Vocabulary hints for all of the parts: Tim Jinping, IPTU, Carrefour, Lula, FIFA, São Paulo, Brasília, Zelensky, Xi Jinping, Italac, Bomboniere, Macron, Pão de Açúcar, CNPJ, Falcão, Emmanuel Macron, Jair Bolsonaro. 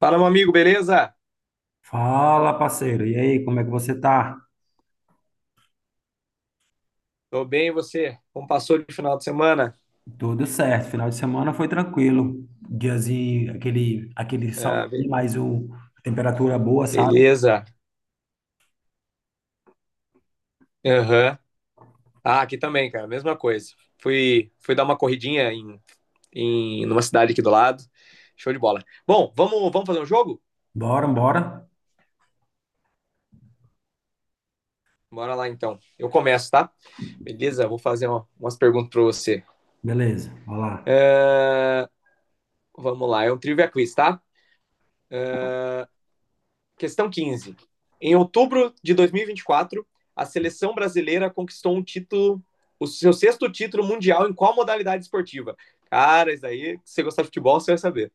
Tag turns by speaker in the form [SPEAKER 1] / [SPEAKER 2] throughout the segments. [SPEAKER 1] Fala, meu amigo, beleza?
[SPEAKER 2] Fala, parceiro. E aí, como é que você tá?
[SPEAKER 1] Tô bem, e você? Como passou de final de semana?
[SPEAKER 2] Tudo certo. Final de semana foi tranquilo. Diazinho, aquele sol,
[SPEAKER 1] Ah, be-
[SPEAKER 2] mas a temperatura boa, sabe?
[SPEAKER 1] Beleza. Aham. Ah, aqui também, cara, mesma coisa. Fui dar uma corridinha numa cidade aqui do lado. Show de bola. Bom, vamos fazer um jogo?
[SPEAKER 2] Bora, bora.
[SPEAKER 1] Bora lá então. Eu começo, tá? Beleza? Vou fazer umas perguntas pra você.
[SPEAKER 2] Beleza, vamos lá.
[SPEAKER 1] Ah, Vamos lá, é um trivia quiz, tá? Questão 15. Em outubro de 2024, a seleção brasileira conquistou um título, o seu sexto título mundial em qual modalidade esportiva? Cara, isso aí, se você gostar de futebol, você vai saber.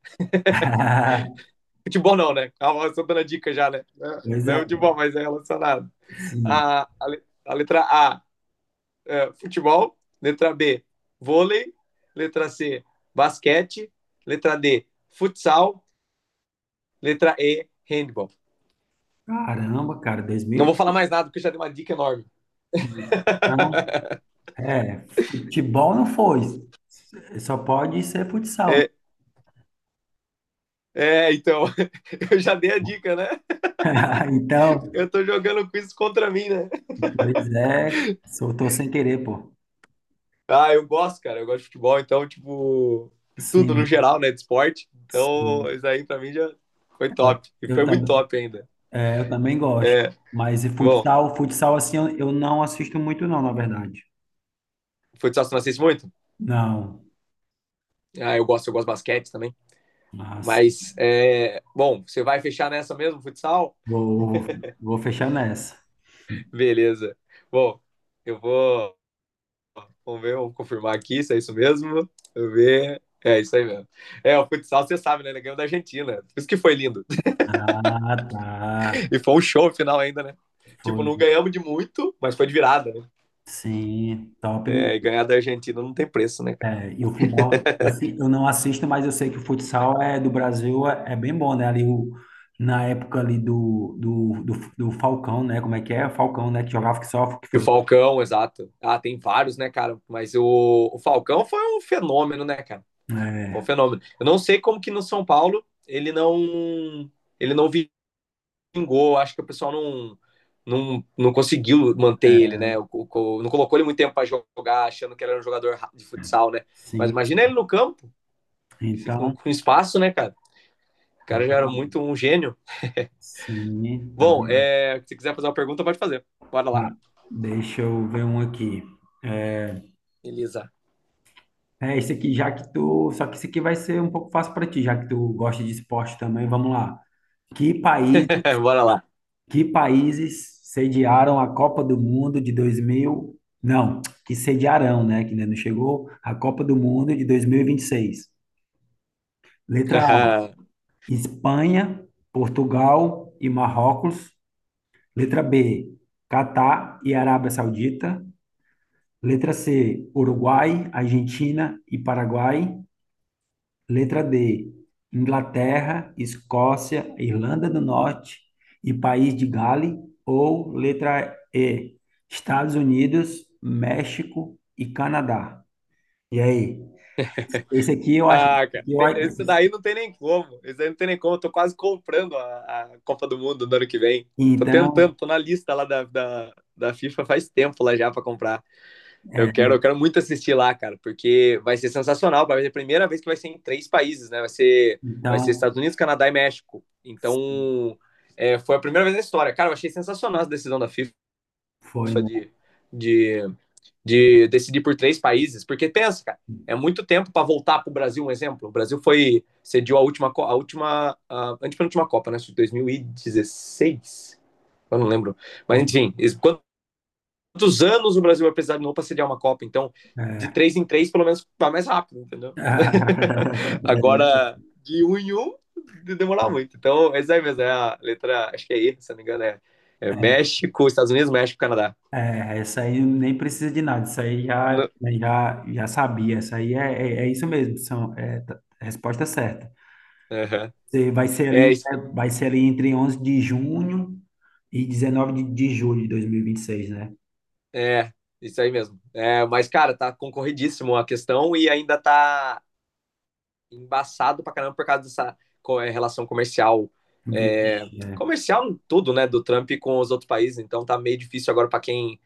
[SPEAKER 1] Futebol não, né? Calma, eu tô dando a dica já, né?
[SPEAKER 2] Pois
[SPEAKER 1] Não é
[SPEAKER 2] é,
[SPEAKER 1] futebol, mas é relacionado.
[SPEAKER 2] sim.
[SPEAKER 1] A, a, a letra A, futebol. Letra B, vôlei. Letra C, basquete. Letra D, futsal. Letra E, handball.
[SPEAKER 2] Caramba, cara,
[SPEAKER 1] Não vou
[SPEAKER 2] 2000.
[SPEAKER 1] falar mais nada, porque já dei uma dica enorme.
[SPEAKER 2] Não, é, futebol não foi. Só pode ser futsal, né?
[SPEAKER 1] É, é então. Eu já dei a dica, né?
[SPEAKER 2] Então,
[SPEAKER 1] Eu tô jogando quiz contra mim, né?
[SPEAKER 2] pois é, soltou sem querer, pô.
[SPEAKER 1] Eu gosto, cara. Eu gosto de futebol, então, tipo, de tudo no
[SPEAKER 2] Sim,
[SPEAKER 1] geral, né? De esporte. Então,
[SPEAKER 2] sim.
[SPEAKER 1] isso aí pra mim já foi top. E
[SPEAKER 2] Eu
[SPEAKER 1] foi muito
[SPEAKER 2] também.
[SPEAKER 1] top ainda.
[SPEAKER 2] Eu também gosto.
[SPEAKER 1] É,
[SPEAKER 2] Mas e
[SPEAKER 1] Bom,
[SPEAKER 2] futsal assim, eu não assisto muito não, na verdade.
[SPEAKER 1] futsal você não assiste muito?
[SPEAKER 2] Não.
[SPEAKER 1] Eu gosto, eu gosto de basquete também.
[SPEAKER 2] Nossa.
[SPEAKER 1] Mas, bom, você vai fechar nessa mesmo, futsal?
[SPEAKER 2] Vou fechar nessa.
[SPEAKER 1] Beleza. Bom, eu vou. Vamos ver, vamos confirmar aqui se é isso mesmo. Deixa ver. É isso aí mesmo. É, o futsal, você sabe, né? Ele ganhou da Argentina. Por isso que foi lindo.
[SPEAKER 2] Ah, tá.
[SPEAKER 1] E foi um show final ainda, né? Tipo,
[SPEAKER 2] Foi.
[SPEAKER 1] não ganhamos de muito, mas foi de virada, né?
[SPEAKER 2] Sim, top.
[SPEAKER 1] É, e ganhar da Argentina não tem preço, né, cara?
[SPEAKER 2] É, e o futebol, assim, eu não assisto, mas eu sei que o futsal é do Brasil é bem bom, né? Ali o, na época ali do Falcão, né? Como é que é? Falcão, né? Que jogava que só que
[SPEAKER 1] E o
[SPEAKER 2] foi.
[SPEAKER 1] Falcão, exato. Ah, tem vários, né, cara? Mas o Falcão foi um fenômeno, né, cara? Foi um
[SPEAKER 2] É,
[SPEAKER 1] fenômeno. Eu não sei como que no São Paulo ele não vingou. Acho que o pessoal não conseguiu manter ele, né? Não colocou ele muito tempo para jogar, achando que ele era um jogador de futsal, né? Mas
[SPEAKER 2] sim.
[SPEAKER 1] imagina ele no campo, com,
[SPEAKER 2] Então,
[SPEAKER 1] com espaço, né, cara? O
[SPEAKER 2] é
[SPEAKER 1] cara já era
[SPEAKER 2] bom.
[SPEAKER 1] muito um gênio.
[SPEAKER 2] Sim, tá
[SPEAKER 1] Bom, se quiser fazer uma pergunta, pode fazer. Bora lá.
[SPEAKER 2] Tá, deixa eu ver um aqui.
[SPEAKER 1] Elisa.
[SPEAKER 2] É, esse aqui, já que tu. Só que esse aqui vai ser um pouco fácil para ti, já que tu gosta de esporte também. Vamos lá. Que países,
[SPEAKER 1] Bora lá.
[SPEAKER 2] que países sediaram a Copa do Mundo de 2000? Não, que sediarão, né? Que ainda não chegou. A Copa do Mundo de dois mil e vinte e seis. Letra A, Espanha, Portugal e Marrocos. Letra B, Catar e Arábia Saudita. Letra C, Uruguai, Argentina e Paraguai. Letra D, Inglaterra, Escócia, Irlanda do Norte e País de Gales. Ou letra E, Estados Unidos, México e Canadá. E aí? Esse aqui eu acho
[SPEAKER 1] Cara,
[SPEAKER 2] que eu,
[SPEAKER 1] esse daí não tem nem como. Esse daí não tem nem como. Eu tô quase comprando a Copa do Mundo do ano que vem. Tô tentando,
[SPEAKER 2] então,
[SPEAKER 1] tô na lista lá da FIFA faz tempo lá já pra comprar. Eu
[SPEAKER 2] é,
[SPEAKER 1] quero,
[SPEAKER 2] né?
[SPEAKER 1] eu quero muito assistir lá, cara, porque vai ser sensacional. Vai ser a primeira vez que vai ser em três países, né? Vai ser
[SPEAKER 2] Então,
[SPEAKER 1] Estados Unidos, Canadá e México. Então, foi a primeira vez na história. Cara, eu achei sensacional essa decisão da FIFA
[SPEAKER 2] foi, né?
[SPEAKER 1] de, de de decidir por três países, porque pensa, cara, é muito tempo para voltar para o Brasil, um exemplo. O Brasil foi cediu a antepenúltima Copa, né, de 2016. Eu não lembro. Mas
[SPEAKER 2] Foi.
[SPEAKER 1] enfim, quantos anos o Brasil vai precisar de novo para sediar uma Copa? Então, de
[SPEAKER 2] É.
[SPEAKER 1] três em três, pelo menos vai mais rápido, entendeu? Agora de um em um demorar muito. Então, é aí mesmo, é a letra, acho que é E, se não me engano, é México, Estados Unidos, México, Canadá.
[SPEAKER 2] É, essa aí nem precisa de nada, isso aí
[SPEAKER 1] No,
[SPEAKER 2] já sabia, isso aí é isso mesmo, são, resposta certa.
[SPEAKER 1] uhum.
[SPEAKER 2] Você vai ser ali,
[SPEAKER 1] É isso.
[SPEAKER 2] né, vai ser ali entre 11 de junho e 19 de julho de 2026, né?
[SPEAKER 1] É, isso aí mesmo. É, mas, cara, tá concorridíssimo a questão e ainda tá embaçado pra caramba por causa dessa relação comercial. É,
[SPEAKER 2] Vixe, é.
[SPEAKER 1] comercial em tudo, né, do Trump com os outros países, então tá meio difícil agora pra quem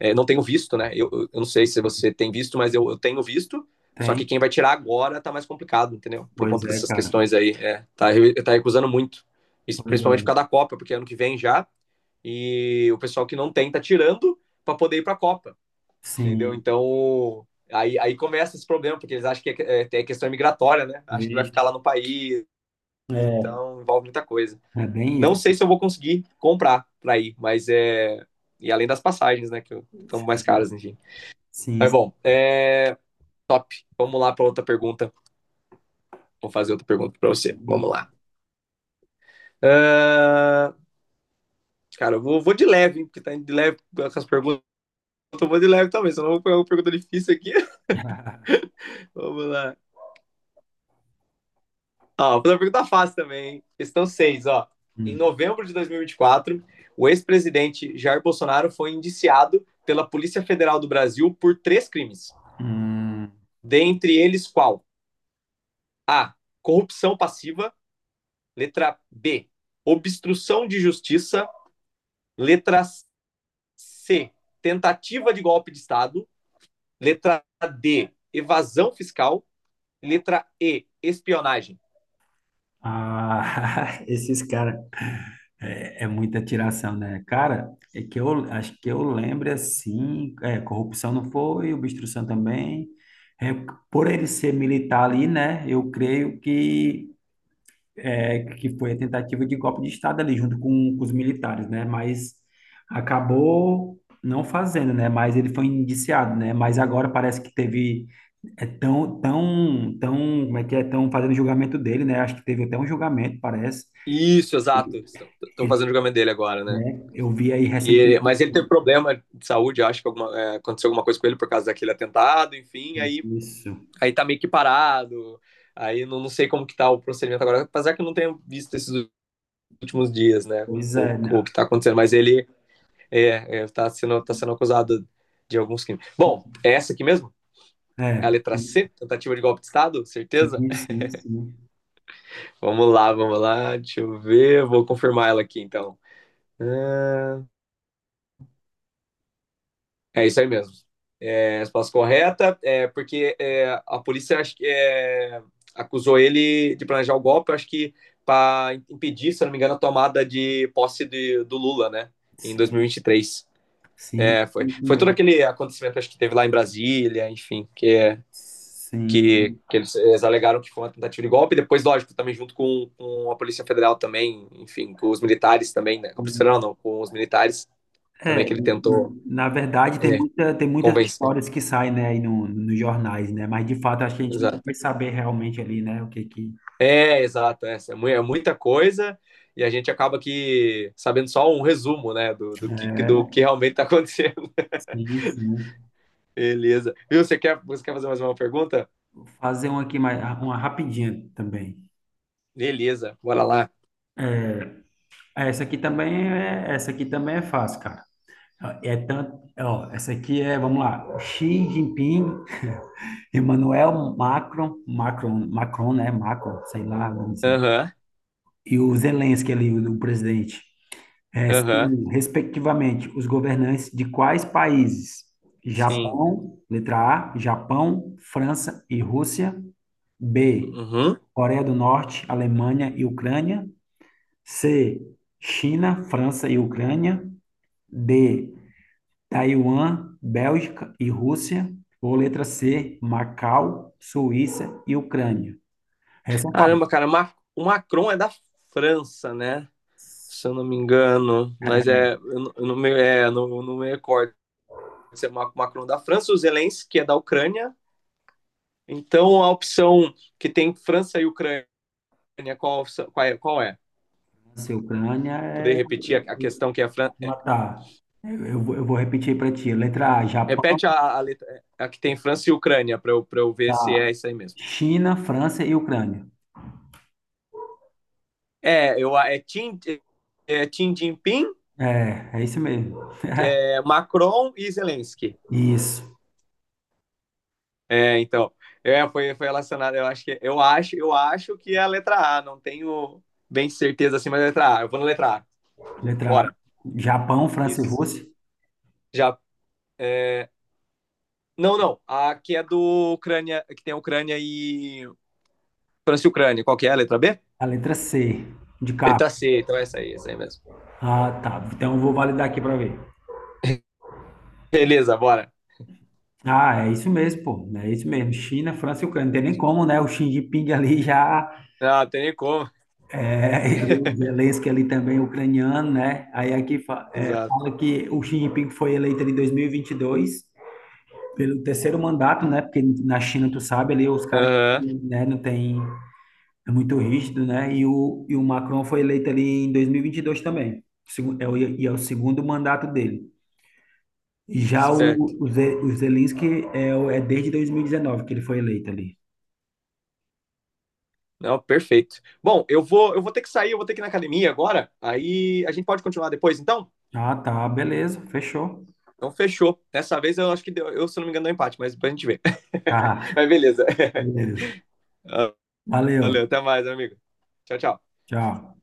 [SPEAKER 1] não tem o visto, né? Eu não sei se você tem visto, mas eu tenho visto, só que
[SPEAKER 2] Tem?
[SPEAKER 1] quem vai tirar agora tá mais complicado, entendeu? Por
[SPEAKER 2] Pois
[SPEAKER 1] conta
[SPEAKER 2] é,
[SPEAKER 1] dessas
[SPEAKER 2] cara.
[SPEAKER 1] questões aí. Tá recusando muito. Isso
[SPEAKER 2] Pois
[SPEAKER 1] principalmente por
[SPEAKER 2] é.
[SPEAKER 1] causa da Copa, porque é ano que vem já, e o pessoal que não tem tá tirando pra poder ir pra Copa. Entendeu?
[SPEAKER 2] Sim.
[SPEAKER 1] Então, aí começa esse problema, porque eles acham que é questão migratória, né? Acham que vai ficar lá
[SPEAKER 2] Vixe.
[SPEAKER 1] no país,
[SPEAKER 2] É,
[SPEAKER 1] então envolve muita coisa.
[SPEAKER 2] é bem isso.
[SPEAKER 1] Não sei se eu vou conseguir comprar para ir, mas é. E além das passagens, né? Que estão mais caras, enfim.
[SPEAKER 2] Sim,
[SPEAKER 1] Mas
[SPEAKER 2] sim.
[SPEAKER 1] bom, é. Top. Vamos lá para outra pergunta. Vou fazer outra pergunta para você. Vamos lá. Ah, cara, eu vou de leve, hein, porque tá de leve com as perguntas. Eu vou de leve também, senão eu vou pegar uma pergunta difícil aqui. Vamos lá. Ó, vou fazer uma pergunta fácil também, hein? Questão 6, ó. Em
[SPEAKER 2] Hum.
[SPEAKER 1] novembro de 2024, o ex-presidente Jair Bolsonaro foi indiciado pela Polícia Federal do Brasil por três crimes.
[SPEAKER 2] Hum.
[SPEAKER 1] Dentre eles, qual? A. Corrupção passiva. Letra B. Obstrução de justiça. Letra C. Tentativa de golpe de Estado. Letra D. Evasão fiscal. Letra E. Espionagem.
[SPEAKER 2] Ah, esses caras. É muita tiração, né? Cara, é que eu acho que eu lembro assim, corrupção não foi, obstrução também. É, por ele ser militar ali, né? Eu creio que foi a tentativa de golpe de Estado ali junto com os militares, né? Mas acabou não fazendo, né? Mas ele foi indiciado, né? Mas agora parece que teve tão como é que é tão fazendo julgamento dele, né? Acho que teve até um julgamento, parece.
[SPEAKER 1] Isso, exato. Estão fazendo
[SPEAKER 2] Ele,
[SPEAKER 1] o julgamento dele agora, né?
[SPEAKER 2] eu vi aí
[SPEAKER 1] E, mas
[SPEAKER 2] recentemente.
[SPEAKER 1] ele teve problema de saúde, acho que aconteceu alguma coisa com ele por causa daquele atentado, enfim, aí,
[SPEAKER 2] Isso.
[SPEAKER 1] aí tá meio que parado, aí não sei como que tá o procedimento agora, apesar que eu não tenho visto esses últimos dias, né,
[SPEAKER 2] Pois
[SPEAKER 1] o,
[SPEAKER 2] é, né?
[SPEAKER 1] o que tá acontecendo, mas ele tá sendo acusado de alguns crimes. Bom, é essa aqui mesmo? É a
[SPEAKER 2] É,
[SPEAKER 1] letra C,
[SPEAKER 2] sim,
[SPEAKER 1] tentativa de golpe de Estado, certeza?
[SPEAKER 2] sim, sim, sim,
[SPEAKER 1] Vamos lá, deixa eu ver, vou confirmar ela aqui, então. Ah, É isso aí mesmo, a resposta correta, porque a polícia acho que, acusou ele de planejar o golpe, acho que para impedir, se não me engano, a tomada de posse do Lula, né? Em
[SPEAKER 2] sim,
[SPEAKER 1] 2023.
[SPEAKER 2] sim,
[SPEAKER 1] É, foi,
[SPEAKER 2] isso
[SPEAKER 1] foi todo
[SPEAKER 2] mesmo.
[SPEAKER 1] aquele acontecimento acho que teve lá em Brasília, enfim, que,
[SPEAKER 2] Sim.
[SPEAKER 1] que eles alegaram que foi uma tentativa de golpe, depois, lógico, também junto com a Polícia Federal também, enfim, com os militares também, né? Com a Polícia
[SPEAKER 2] Sim.
[SPEAKER 1] Federal não, com os militares também
[SPEAKER 2] É,
[SPEAKER 1] que ele tentou
[SPEAKER 2] na verdade
[SPEAKER 1] é,
[SPEAKER 2] tem muitas
[SPEAKER 1] convencer.
[SPEAKER 2] histórias que saem, né, aí no, nos jornais, né? Mas de fato acho que a gente nunca
[SPEAKER 1] Exato.
[SPEAKER 2] vai saber realmente ali, né, o que que
[SPEAKER 1] É, exato, é muita coisa e a gente acaba que sabendo só um resumo, né, do, do que, do
[SPEAKER 2] é.
[SPEAKER 1] que realmente está acontecendo.
[SPEAKER 2] Sim, sim.
[SPEAKER 1] Beleza. Viu, você quer fazer mais uma pergunta?
[SPEAKER 2] Vou fazer uma aqui mais, uma rapidinha também.
[SPEAKER 1] Beleza, bora lá.
[SPEAKER 2] É, essa aqui também é fácil, cara. É tanto, ó, essa aqui é, vamos lá, Xi Jinping Emmanuel Macron, né? Macron, sei lá, não sei.
[SPEAKER 1] Aham,
[SPEAKER 2] E o Zelensky ali, o presidente,
[SPEAKER 1] aham,
[SPEAKER 2] são, respectivamente, os governantes de quais países?
[SPEAKER 1] sim.
[SPEAKER 2] Letra A, Japão, França e Rússia. B,
[SPEAKER 1] Uhum.
[SPEAKER 2] Coreia do Norte, Alemanha e Ucrânia. C, China, França e Ucrânia. D, Taiwan, Bélgica e Rússia. Ou letra C, Macau, Suíça e Ucrânia. Essa é
[SPEAKER 1] Caramba, cara, o Macron é da França, né? Se eu não me engano, mas é, eu não me, eu não me recordo se é Macron da França, o Zelensky é da Ucrânia. Então, a opção que tem França e Ucrânia, qual é? Qual é?
[SPEAKER 2] Nossa, Ucrânia é
[SPEAKER 1] Poder repetir a questão que é a Fran... É,
[SPEAKER 2] matar. Eu vou repetir para ti. Letra A, Japão,
[SPEAKER 1] repete que tem França e Ucrânia pra eu ver se é
[SPEAKER 2] tá?
[SPEAKER 1] isso aí mesmo.
[SPEAKER 2] China, França e Ucrânia.
[SPEAKER 1] É, eu, é, Tim, é Tim Jinping,
[SPEAKER 2] É isso mesmo.
[SPEAKER 1] é Macron e Zelensky.
[SPEAKER 2] Isso.
[SPEAKER 1] É, então, foi relacionado, eu acho que é a letra A, não tenho bem certeza assim, mas é a letra A. Eu vou na letra A.
[SPEAKER 2] Letra A,
[SPEAKER 1] Bora.
[SPEAKER 2] Japão, França e
[SPEAKER 1] Isso.
[SPEAKER 2] Rússia.
[SPEAKER 1] Já é... não, não, a que é do Ucrânia, que tem a Ucrânia e França e Ucrânia. Qual que é a letra B?
[SPEAKER 2] A letra C, de capa.
[SPEAKER 1] Letra C, então é essa aí mesmo.
[SPEAKER 2] Ah, tá. Então eu vou validar aqui para ver.
[SPEAKER 1] Beleza, bora.
[SPEAKER 2] Ah, é isso mesmo, pô. É isso mesmo. China, França e Ucrânia. Não tem nem como, né? O Xi Jinping ali já.
[SPEAKER 1] Tem nem como.
[SPEAKER 2] É, o Zelensky ali também é ucraniano, né? Aí aqui
[SPEAKER 1] Exato.
[SPEAKER 2] fala que o Xi Jinping foi eleito ali em 2022 pelo terceiro mandato, né? Porque na China, tu sabe, ali os caras,
[SPEAKER 1] Aham.
[SPEAKER 2] né, não tem, é muito rígido, né? E o Macron foi eleito ali em 2022 também. Segu- É o, e é o segundo mandato dele. E já o,
[SPEAKER 1] Esperto.
[SPEAKER 2] o, Ze- o Zelensky é desde 2019 que ele foi eleito ali.
[SPEAKER 1] Não, perfeito. Bom, eu vou ter que sair, eu vou ter que ir na academia agora. Aí a gente pode continuar depois, então?
[SPEAKER 2] Ah, tá, beleza, fechou.
[SPEAKER 1] Então fechou. Dessa vez eu acho que deu, eu, se não me engano, deu empate, mas depois a gente vê.
[SPEAKER 2] Tá,
[SPEAKER 1] Mas beleza.
[SPEAKER 2] beleza.
[SPEAKER 1] Ah,
[SPEAKER 2] Valeu,
[SPEAKER 1] Valeu, até mais, amigo. Tchau, tchau.
[SPEAKER 2] tchau.